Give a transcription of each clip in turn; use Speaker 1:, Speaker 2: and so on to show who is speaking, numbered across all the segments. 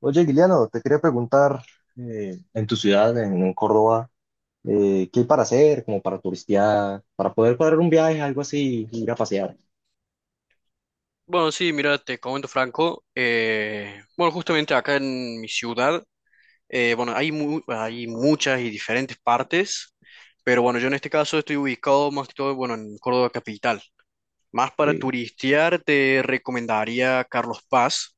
Speaker 1: Oye, Guiliano, te quería preguntar, en tu ciudad, en Córdoba, ¿qué hay para hacer, como para turistear, para poder cuadrar un viaje, algo así, ir a pasear?
Speaker 2: Bueno, sí, mira, te comento Franco. Bueno, justamente acá en mi ciudad, bueno, hay, hay muchas y diferentes partes, pero bueno, yo en este caso estoy ubicado más que todo, bueno, en Córdoba capital. Más para
Speaker 1: Sí.
Speaker 2: turistear, te recomendaría Carlos Paz,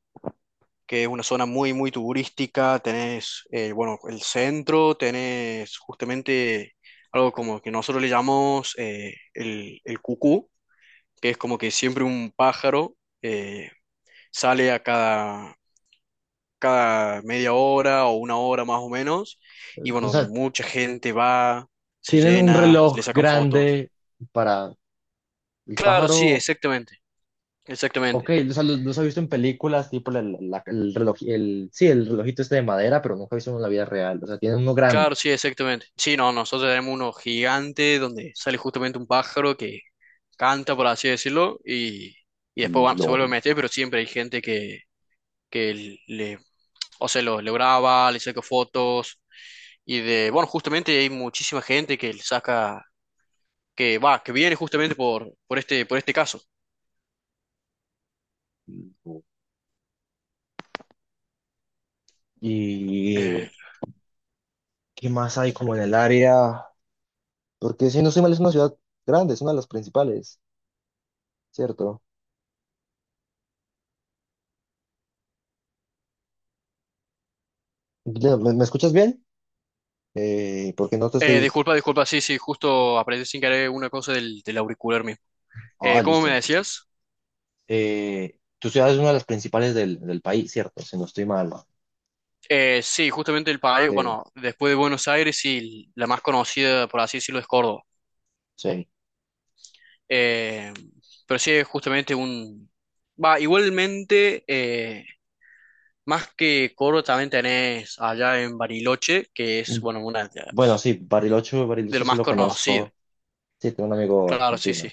Speaker 2: que es una zona muy, muy turística. Tenés, bueno, el centro, tenés justamente algo como que nosotros le llamamos el cucú, que es como que siempre un pájaro. eh, sale a cada media hora o una hora más o menos, y
Speaker 1: O
Speaker 2: bueno, donde
Speaker 1: sea,
Speaker 2: mucha gente va, se
Speaker 1: tienen un
Speaker 2: llena, le
Speaker 1: reloj
Speaker 2: sacan fotos.
Speaker 1: grande para el
Speaker 2: Claro, sí,
Speaker 1: pájaro.
Speaker 2: exactamente,
Speaker 1: Ok,
Speaker 2: exactamente.
Speaker 1: o sea, los he visto en películas, tipo el reloj, sí, el relojito este de madera, pero nunca he visto uno en la vida real. O sea, tienen uno grande.
Speaker 2: Claro, sí, exactamente. Sí, no, nosotros tenemos uno gigante donde sale justamente un pájaro que canta, por así decirlo, y después se
Speaker 1: Lo,
Speaker 2: vuelve a meter, pero siempre hay gente que o sea, lo graba, le saca fotos, y de, bueno, justamente hay muchísima gente que le saca que va, que viene justamente por este caso.
Speaker 1: lo-
Speaker 2: Eh,
Speaker 1: ¿Y qué más hay como en el área? Porque si no soy mal, es una ciudad grande, es una de las principales. Cierto. Ya, me escuchas bien? Porque no te
Speaker 2: eh,
Speaker 1: estoy...
Speaker 2: disculpa, disculpa, sí, sí, justo aprendí sin querer una cosa del auricular mío.
Speaker 1: Ah,
Speaker 2: ¿Cómo
Speaker 1: listo.
Speaker 2: me
Speaker 1: No, tranquilo.
Speaker 2: decías?
Speaker 1: Tu ciudad es una de las principales del país, ¿cierto? Si no estoy mal.
Speaker 2: Sí, justamente el país,
Speaker 1: Sí,
Speaker 2: bueno, después de Buenos Aires, sí, la más conocida, por así decirlo, es Córdoba.
Speaker 1: sí.
Speaker 2: Eh, pero sí, es justamente un... Va, igualmente, más que Córdoba, también tenés allá en Bariloche, que es,
Speaker 1: Mm.
Speaker 2: bueno, una de
Speaker 1: Bueno,
Speaker 2: las,
Speaker 1: sí,
Speaker 2: de
Speaker 1: Bariloche
Speaker 2: lo
Speaker 1: sí
Speaker 2: más
Speaker 1: lo
Speaker 2: conocido.
Speaker 1: conozco. Sí, tengo un amigo
Speaker 2: Claro, sí,
Speaker 1: argentino.
Speaker 2: sí.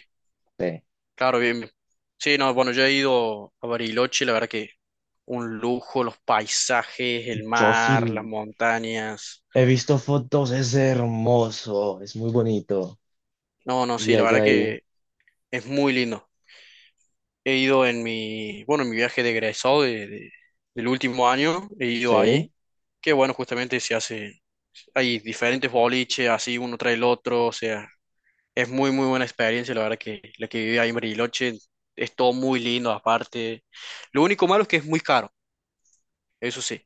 Speaker 1: Sí.
Speaker 2: Claro, bien. Bien. Sí, no, bueno, yo he ido a Bariloche, la verdad que un lujo, los paisajes, el
Speaker 1: Yo sí
Speaker 2: mar, las montañas.
Speaker 1: he visto fotos, es hermoso, es muy bonito.
Speaker 2: No, no,
Speaker 1: Y
Speaker 2: sí, la verdad
Speaker 1: allá hay...
Speaker 2: que es muy lindo. He ido en mi, bueno, en mi viaje de egresado del último año, he ido
Speaker 1: Sí.
Speaker 2: ahí, que bueno, justamente se hace, hay diferentes boliches, así uno trae el otro, o sea, es muy, muy buena experiencia, la verdad que la que viví ahí en Bariloche es todo muy lindo aparte. Lo único malo es que es muy caro, eso sí.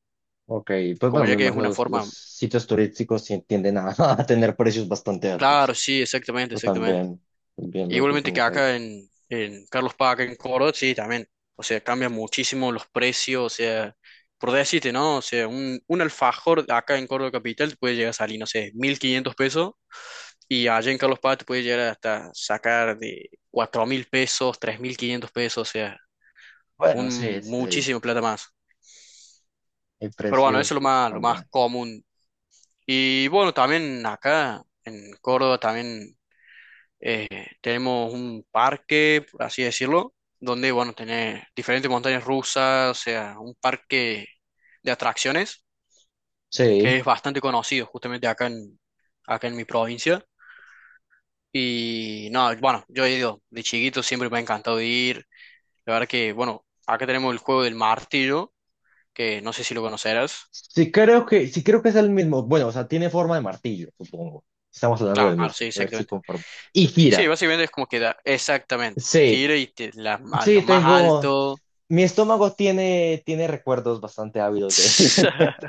Speaker 1: Ok, pues
Speaker 2: Como
Speaker 1: bueno,
Speaker 2: ya
Speaker 1: me
Speaker 2: que es
Speaker 1: imagino
Speaker 2: una
Speaker 1: los
Speaker 2: forma,
Speaker 1: sitios turísticos sí tienden a, a tener precios bastante altos.
Speaker 2: claro, sí, exactamente,
Speaker 1: Yo
Speaker 2: exactamente.
Speaker 1: también, también los en
Speaker 2: Igualmente que
Speaker 1: el país.
Speaker 2: acá en Carlos Paz, acá en Córdoba, sí, también, o sea, cambian muchísimo los precios, o sea, por decirte, ¿no? O sea, un alfajor acá en Córdoba Capital te puede llegar a salir, no sé, 1500 pesos, y allá en Carlos Paz te puede llegar hasta sacar de 4000 pesos, 3500 pesos, o sea,
Speaker 1: Bueno, sí,
Speaker 2: un
Speaker 1: sí,
Speaker 2: muchísimo plata más.
Speaker 1: el
Speaker 2: Pero bueno,
Speaker 1: precio
Speaker 2: eso es lo
Speaker 1: sí
Speaker 2: más, lo más
Speaker 1: cambia.
Speaker 2: común. Y bueno, también acá en Córdoba también. Eh, Tenemos un parque, por así decirlo, donde, bueno, tenés diferentes montañas rusas, o sea, un parque de atracciones que
Speaker 1: Sí.
Speaker 2: es bastante conocido justamente acá en mi provincia. Y no, bueno, yo he ido de chiquito, siempre me ha encantado ir. La verdad que, bueno, acá tenemos el juego del martillo, que no sé si lo conocerás.
Speaker 1: Sí creo sí creo que es el mismo. Bueno, o sea, tiene forma de martillo, supongo. Estamos hablando del
Speaker 2: Claro,
Speaker 1: mismo.
Speaker 2: sí,
Speaker 1: A ver si
Speaker 2: exactamente.
Speaker 1: conformo. Y
Speaker 2: Sí,
Speaker 1: gira.
Speaker 2: básicamente es como que da, exactamente,
Speaker 1: Sí,
Speaker 2: gira y a lo
Speaker 1: sí,
Speaker 2: más
Speaker 1: tengo.
Speaker 2: alto.
Speaker 1: Mi estómago tiene recuerdos bastante ávidos de,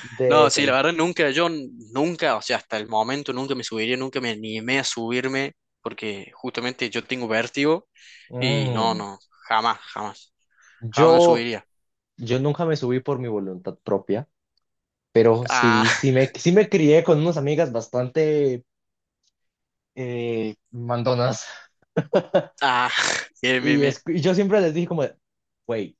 Speaker 1: de
Speaker 2: No, sí, la
Speaker 1: eso.
Speaker 2: verdad nunca, nunca, o sea, hasta el momento nunca me subiría, nunca me animé a subirme, porque justamente yo tengo vértigo y no,
Speaker 1: Mm.
Speaker 2: no, jamás, jamás, jamás me
Speaker 1: Yo,
Speaker 2: subiría.
Speaker 1: yo nunca me subí por mi voluntad propia, pero
Speaker 2: Ah,
Speaker 1: sí, sí me crié con unas amigas bastante mandonas.
Speaker 2: ah, bien, bien, bien.
Speaker 1: Y yo siempre les dije como, de, güey,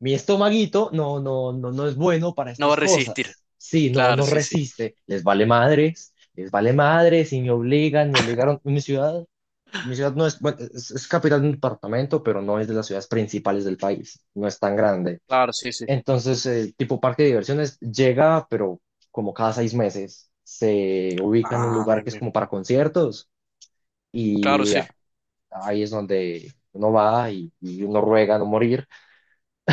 Speaker 1: mi estomaguito no, no, no, no es bueno para
Speaker 2: No va
Speaker 1: estas
Speaker 2: a resistir.
Speaker 1: cosas. Sí, no,
Speaker 2: Claro,
Speaker 1: no
Speaker 2: sí, sí.
Speaker 1: resiste. Les vale madres y me obligan, me obligaron. Mi ciudad no es, bueno, es capital de un departamento, pero no es de las ciudades principales del país. No es tan grande.
Speaker 2: Claro, sí, sí.
Speaker 1: Entonces, tipo parque de diversiones llega, pero como cada 6 meses se ubica en un
Speaker 2: Ah,
Speaker 1: lugar
Speaker 2: bien,
Speaker 1: que es
Speaker 2: bien.
Speaker 1: como para conciertos
Speaker 2: Claro,
Speaker 1: y
Speaker 2: sí,
Speaker 1: ahí es donde uno va y uno ruega no morir.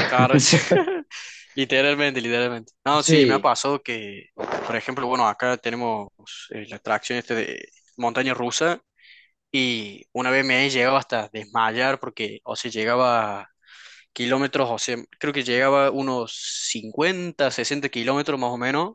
Speaker 2: claro, sí. Literalmente, literalmente. No, sí, me ha
Speaker 1: Sí.
Speaker 2: pasado que, por ejemplo, bueno, acá tenemos la atracción este de montaña rusa. Y una vez me he llegado hasta desmayar porque, o sea, llegaba kilómetros, o sea, creo que llegaba unos 50-60 kilómetros más o menos,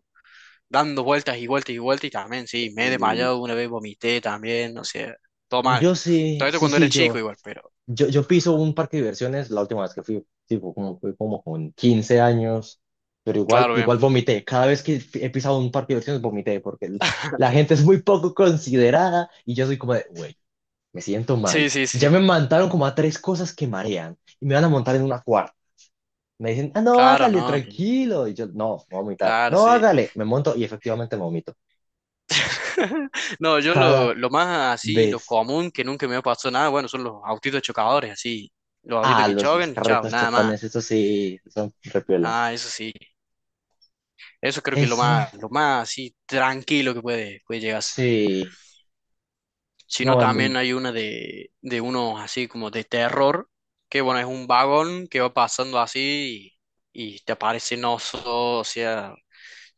Speaker 2: dando vueltas y vueltas y vueltas y también, sí, me he
Speaker 1: Y
Speaker 2: desmayado una vez, vomité también, o sea, todo mal.
Speaker 1: yo sí,
Speaker 2: Todo esto
Speaker 1: sí,
Speaker 2: cuando era chico igual, pero
Speaker 1: yo piso un parque de diversiones la última vez que fui, tipo, como, fui como con 15 años, pero igual,
Speaker 2: claro, bien.
Speaker 1: igual vomité. Cada vez que he pisado un parque de diversiones vomité porque la gente es muy poco considerada y yo soy como de, güey, me siento
Speaker 2: Sí,
Speaker 1: mal.
Speaker 2: sí,
Speaker 1: Ya
Speaker 2: sí,
Speaker 1: me mandaron como a tres cosas que marean y me van a montar en una cuarta. Me dicen, ah, no,
Speaker 2: claro,
Speaker 1: hágale,
Speaker 2: no, no,
Speaker 1: tranquilo. Y yo, no, voy a vomitar.
Speaker 2: claro,
Speaker 1: No,
Speaker 2: sí.
Speaker 1: hágale. Me monto y efectivamente vomito.
Speaker 2: No, yo
Speaker 1: Cada
Speaker 2: lo más así, lo
Speaker 1: vez.
Speaker 2: común que nunca me ha pasado nada, bueno, son los autitos chocadores, así, los autitos
Speaker 1: Ah,
Speaker 2: que
Speaker 1: los
Speaker 2: chocan y chao,
Speaker 1: carretos
Speaker 2: nada más.
Speaker 1: chocones, eso sí, son repiola.
Speaker 2: Ah, eso sí. Eso creo que es lo
Speaker 1: Eso,
Speaker 2: más, lo más así tranquilo que puede llegar a ser.
Speaker 1: sí.
Speaker 2: Si
Speaker 1: No,
Speaker 2: no,
Speaker 1: no,
Speaker 2: también hay una de unos así como de terror, que bueno, es un vagón que va pasando así y te aparecen osos, o sea,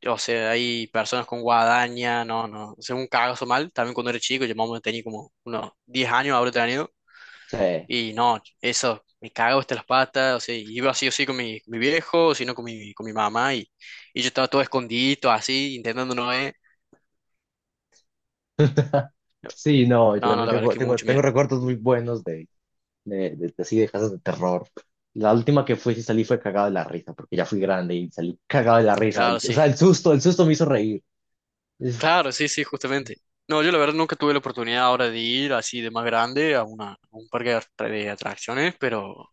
Speaker 2: hay personas con guadaña, no, no, es un cagazo mal. También cuando era chico, yo más o menos tenía como unos 10 años, habré tenido,
Speaker 1: sí.
Speaker 2: y no, eso, me cago hasta las patas, o sea, iba así o así con mi viejo, sino con mi mamá, y yo estaba todo escondido así, intentando no ver.
Speaker 1: Sí, no, yo
Speaker 2: No, no,
Speaker 1: también
Speaker 2: la verdad es
Speaker 1: tengo,
Speaker 2: que mucho
Speaker 1: tengo
Speaker 2: miedo.
Speaker 1: recuerdos muy buenos de así de casas de terror. La última que fui, sí salí fue cagado de la risa, porque ya fui grande y salí cagado de la risa.
Speaker 2: Claro,
Speaker 1: O
Speaker 2: sí.
Speaker 1: sea, el susto me hizo reír.
Speaker 2: Claro, sí, sí, justamente. No, yo la verdad nunca tuve la oportunidad ahora de ir así de más grande a un parque de de atracciones, pero,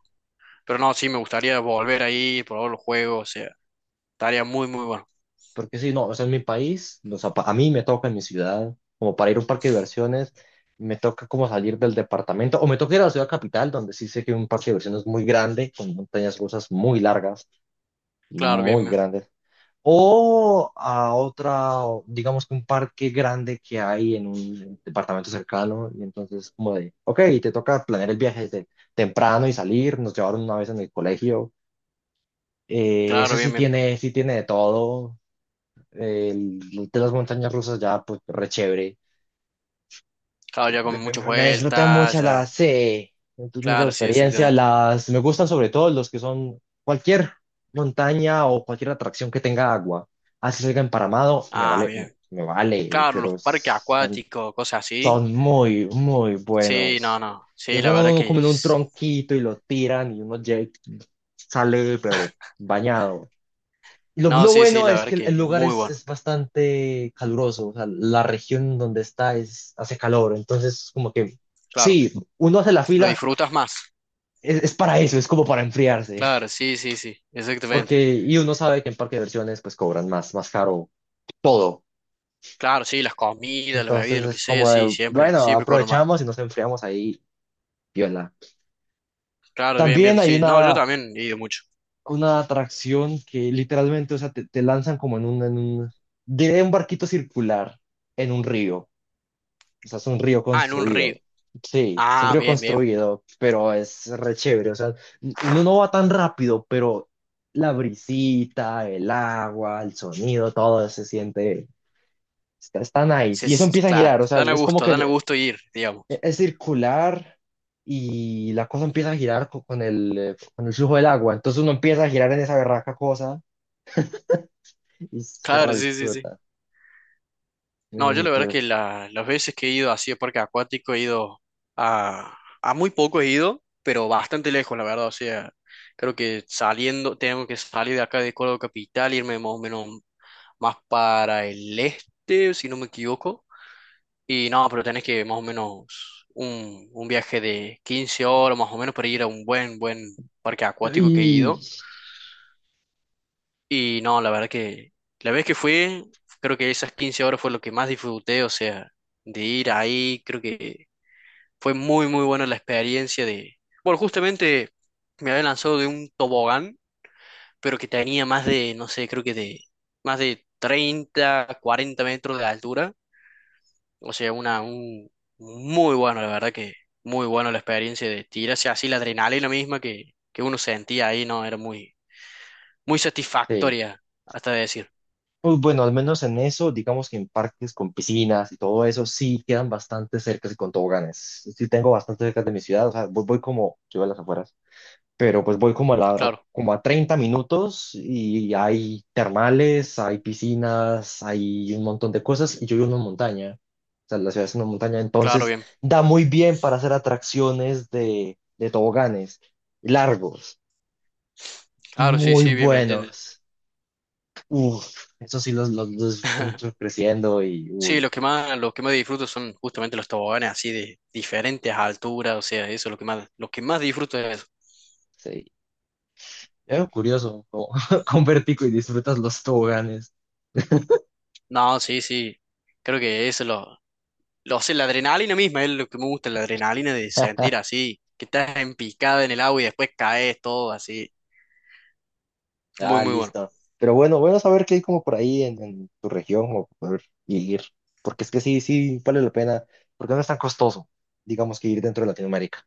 Speaker 2: pero no, sí, me gustaría volver ahí, probar los juegos, o sea, estaría muy, muy bueno.
Speaker 1: Porque sí, no, o sea, en mi país, o sea, a mí me toca en mi ciudad, como para ir a un parque de diversiones, me toca como salir del departamento, o me toca ir a la ciudad capital, donde sí sé que hay un parque de diversiones muy grande, con montañas rusas muy largas,
Speaker 2: Claro, bien,
Speaker 1: muy
Speaker 2: bien.
Speaker 1: grandes, o a otra, o digamos que un parque grande que hay en un departamento cercano, y entonces como de, ok, te toca planear el viaje desde temprano y salir, nos llevaron una vez en el colegio,
Speaker 2: Claro,
Speaker 1: eso sí
Speaker 2: bien, bien.
Speaker 1: sí tiene de todo el de las montañas rusas ya, pues, re chévere.
Speaker 2: Claro, ya con muchas
Speaker 1: Me disfruté
Speaker 2: vueltas,
Speaker 1: mucho
Speaker 2: ya.
Speaker 1: las, me tuve mucha
Speaker 2: Claro, sí,
Speaker 1: experiencia.
Speaker 2: exactamente.
Speaker 1: Las, me gustan sobre todo los que son cualquier montaña o cualquier atracción que tenga agua. Así salga emparamado, me
Speaker 2: Ah,
Speaker 1: vale,
Speaker 2: bien.
Speaker 1: me vale,
Speaker 2: Claro, los
Speaker 1: pero
Speaker 2: parques
Speaker 1: son,
Speaker 2: acuáticos, cosas así.
Speaker 1: son muy, muy
Speaker 2: Sí, no,
Speaker 1: buenos.
Speaker 2: no. Sí,
Speaker 1: Los
Speaker 2: la
Speaker 1: van a
Speaker 2: verdad
Speaker 1: uno
Speaker 2: que...
Speaker 1: como en un tronquito y lo tiran y uno sale, pero bañado. Y
Speaker 2: No,
Speaker 1: lo
Speaker 2: sí, sí,
Speaker 1: bueno
Speaker 2: la
Speaker 1: es
Speaker 2: verdad
Speaker 1: que el
Speaker 2: que es
Speaker 1: lugar
Speaker 2: muy bueno.
Speaker 1: es bastante caluroso, o sea, la región donde está es, hace calor, entonces como que
Speaker 2: Claro,
Speaker 1: sí, uno hace la
Speaker 2: lo
Speaker 1: fila,
Speaker 2: disfrutas más.
Speaker 1: es para eso, es como para enfriarse,
Speaker 2: Claro, sí, sí, sí, exactamente.
Speaker 1: porque y uno sabe que en parque de diversiones pues cobran más, más caro todo,
Speaker 2: Claro, sí, las comidas, las
Speaker 1: entonces
Speaker 2: bebidas, lo que
Speaker 1: es
Speaker 2: sea,
Speaker 1: como
Speaker 2: sí,
Speaker 1: de,
Speaker 2: siempre,
Speaker 1: bueno,
Speaker 2: siempre cobro más.
Speaker 1: aprovechamos y nos enfriamos ahí, viola.
Speaker 2: Claro, bien, bien,
Speaker 1: También hay
Speaker 2: sí. No, yo también he ido mucho.
Speaker 1: una atracción que literalmente, o sea, te lanzan como en un, diré un barquito circular en un río. O sea, es un río
Speaker 2: Ah, en un río.
Speaker 1: construido. Sí, es un
Speaker 2: Ah,
Speaker 1: río
Speaker 2: bien, bien.
Speaker 1: construido, pero es re chévere. O sea, uno no va tan rápido, pero la brisita, el agua, el sonido, todo se siente, está, está nice.
Speaker 2: Sí,
Speaker 1: Y eso
Speaker 2: sí, sí,
Speaker 1: empieza a
Speaker 2: claro.
Speaker 1: girar, o sea,
Speaker 2: Dan a
Speaker 1: es como
Speaker 2: gusto,
Speaker 1: que
Speaker 2: dan a gusto ir, digamos.
Speaker 1: es circular y la cosa empieza a girar el, con el flujo del agua. Entonces uno empieza a girar en esa berraca cosa y se
Speaker 2: Claro, sí, sí, sí.
Speaker 1: redisfruta.
Speaker 2: No, yo
Speaker 1: Mm.
Speaker 2: la verdad
Speaker 1: Pero,
Speaker 2: que las veces que he ido así a parque acuático he ido a muy poco he ido, pero bastante lejos, la verdad. O sea, creo que saliendo, tengo que salir de acá de Córdoba Capital, irme más o menos más para el este, si no me equivoco. Y no, pero tenés que más o menos un viaje de 15 horas más o menos para ir a un buen parque acuático que he
Speaker 1: y
Speaker 2: ido. Y no, la verdad que la vez que fui, creo que esas 15 horas fue lo que más disfruté, o sea, de ir ahí, creo que fue muy, muy buena la experiencia de... Bueno, justamente me había lanzado de un tobogán, pero que tenía más de, no sé, creo que de más de 30-40 metros de altura. O sea, muy bueno, la verdad que muy bueno la experiencia de tirarse así la adrenalina misma que uno sentía ahí, ¿no? Era muy, muy
Speaker 1: sí.
Speaker 2: satisfactoria, hasta decir.
Speaker 1: Pues bueno, al menos en eso, digamos que en parques con piscinas y todo eso, sí quedan bastante cerca y con toboganes. Sí tengo bastante cerca de mi ciudad, o sea, voy, voy como, yo a las afueras, pero pues voy como a,
Speaker 2: Claro,
Speaker 1: como a 30 minutos y hay termales, hay piscinas, hay un montón de cosas y yo vivo en una montaña. O sea, la ciudad es una montaña,
Speaker 2: claro,
Speaker 1: entonces
Speaker 2: bien.
Speaker 1: da muy bien para hacer atracciones de toboganes largos,
Speaker 2: Claro, sí,
Speaker 1: muy
Speaker 2: sí, bien, me entiendes.
Speaker 1: buenos. Uf, eso sí los disfruto mucho creciendo y,
Speaker 2: Sí,
Speaker 1: uy,
Speaker 2: lo que más disfruto son justamente los toboganes así de diferentes alturas, o sea, eso es lo que más disfruto es eso.
Speaker 1: sí. Es curioso, como con vértigo y disfrutas los toboganes.
Speaker 2: No, sí, sí, creo que eso o sea, la adrenalina misma es lo que me gusta, la adrenalina de sentir así, que estás empicado en el agua y después caes todo así. Muy,
Speaker 1: Ah,
Speaker 2: muy bueno.
Speaker 1: listo. Pero bueno, bueno saber que hay como por ahí en tu región o poder ir, porque es que sí, sí, vale la pena, porque no es tan costoso, digamos, que ir dentro de Latinoamérica,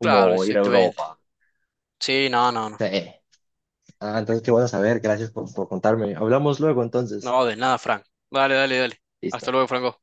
Speaker 2: Claro,
Speaker 1: ir a
Speaker 2: exactamente.
Speaker 1: Europa.
Speaker 2: Sí, no, no, no.
Speaker 1: Sí. Ah, entonces qué bueno saber, gracias por contarme. Hablamos luego entonces.
Speaker 2: No, de nada, Frank. Dale, dale, dale. Hasta
Speaker 1: Listo.
Speaker 2: luego, Franco.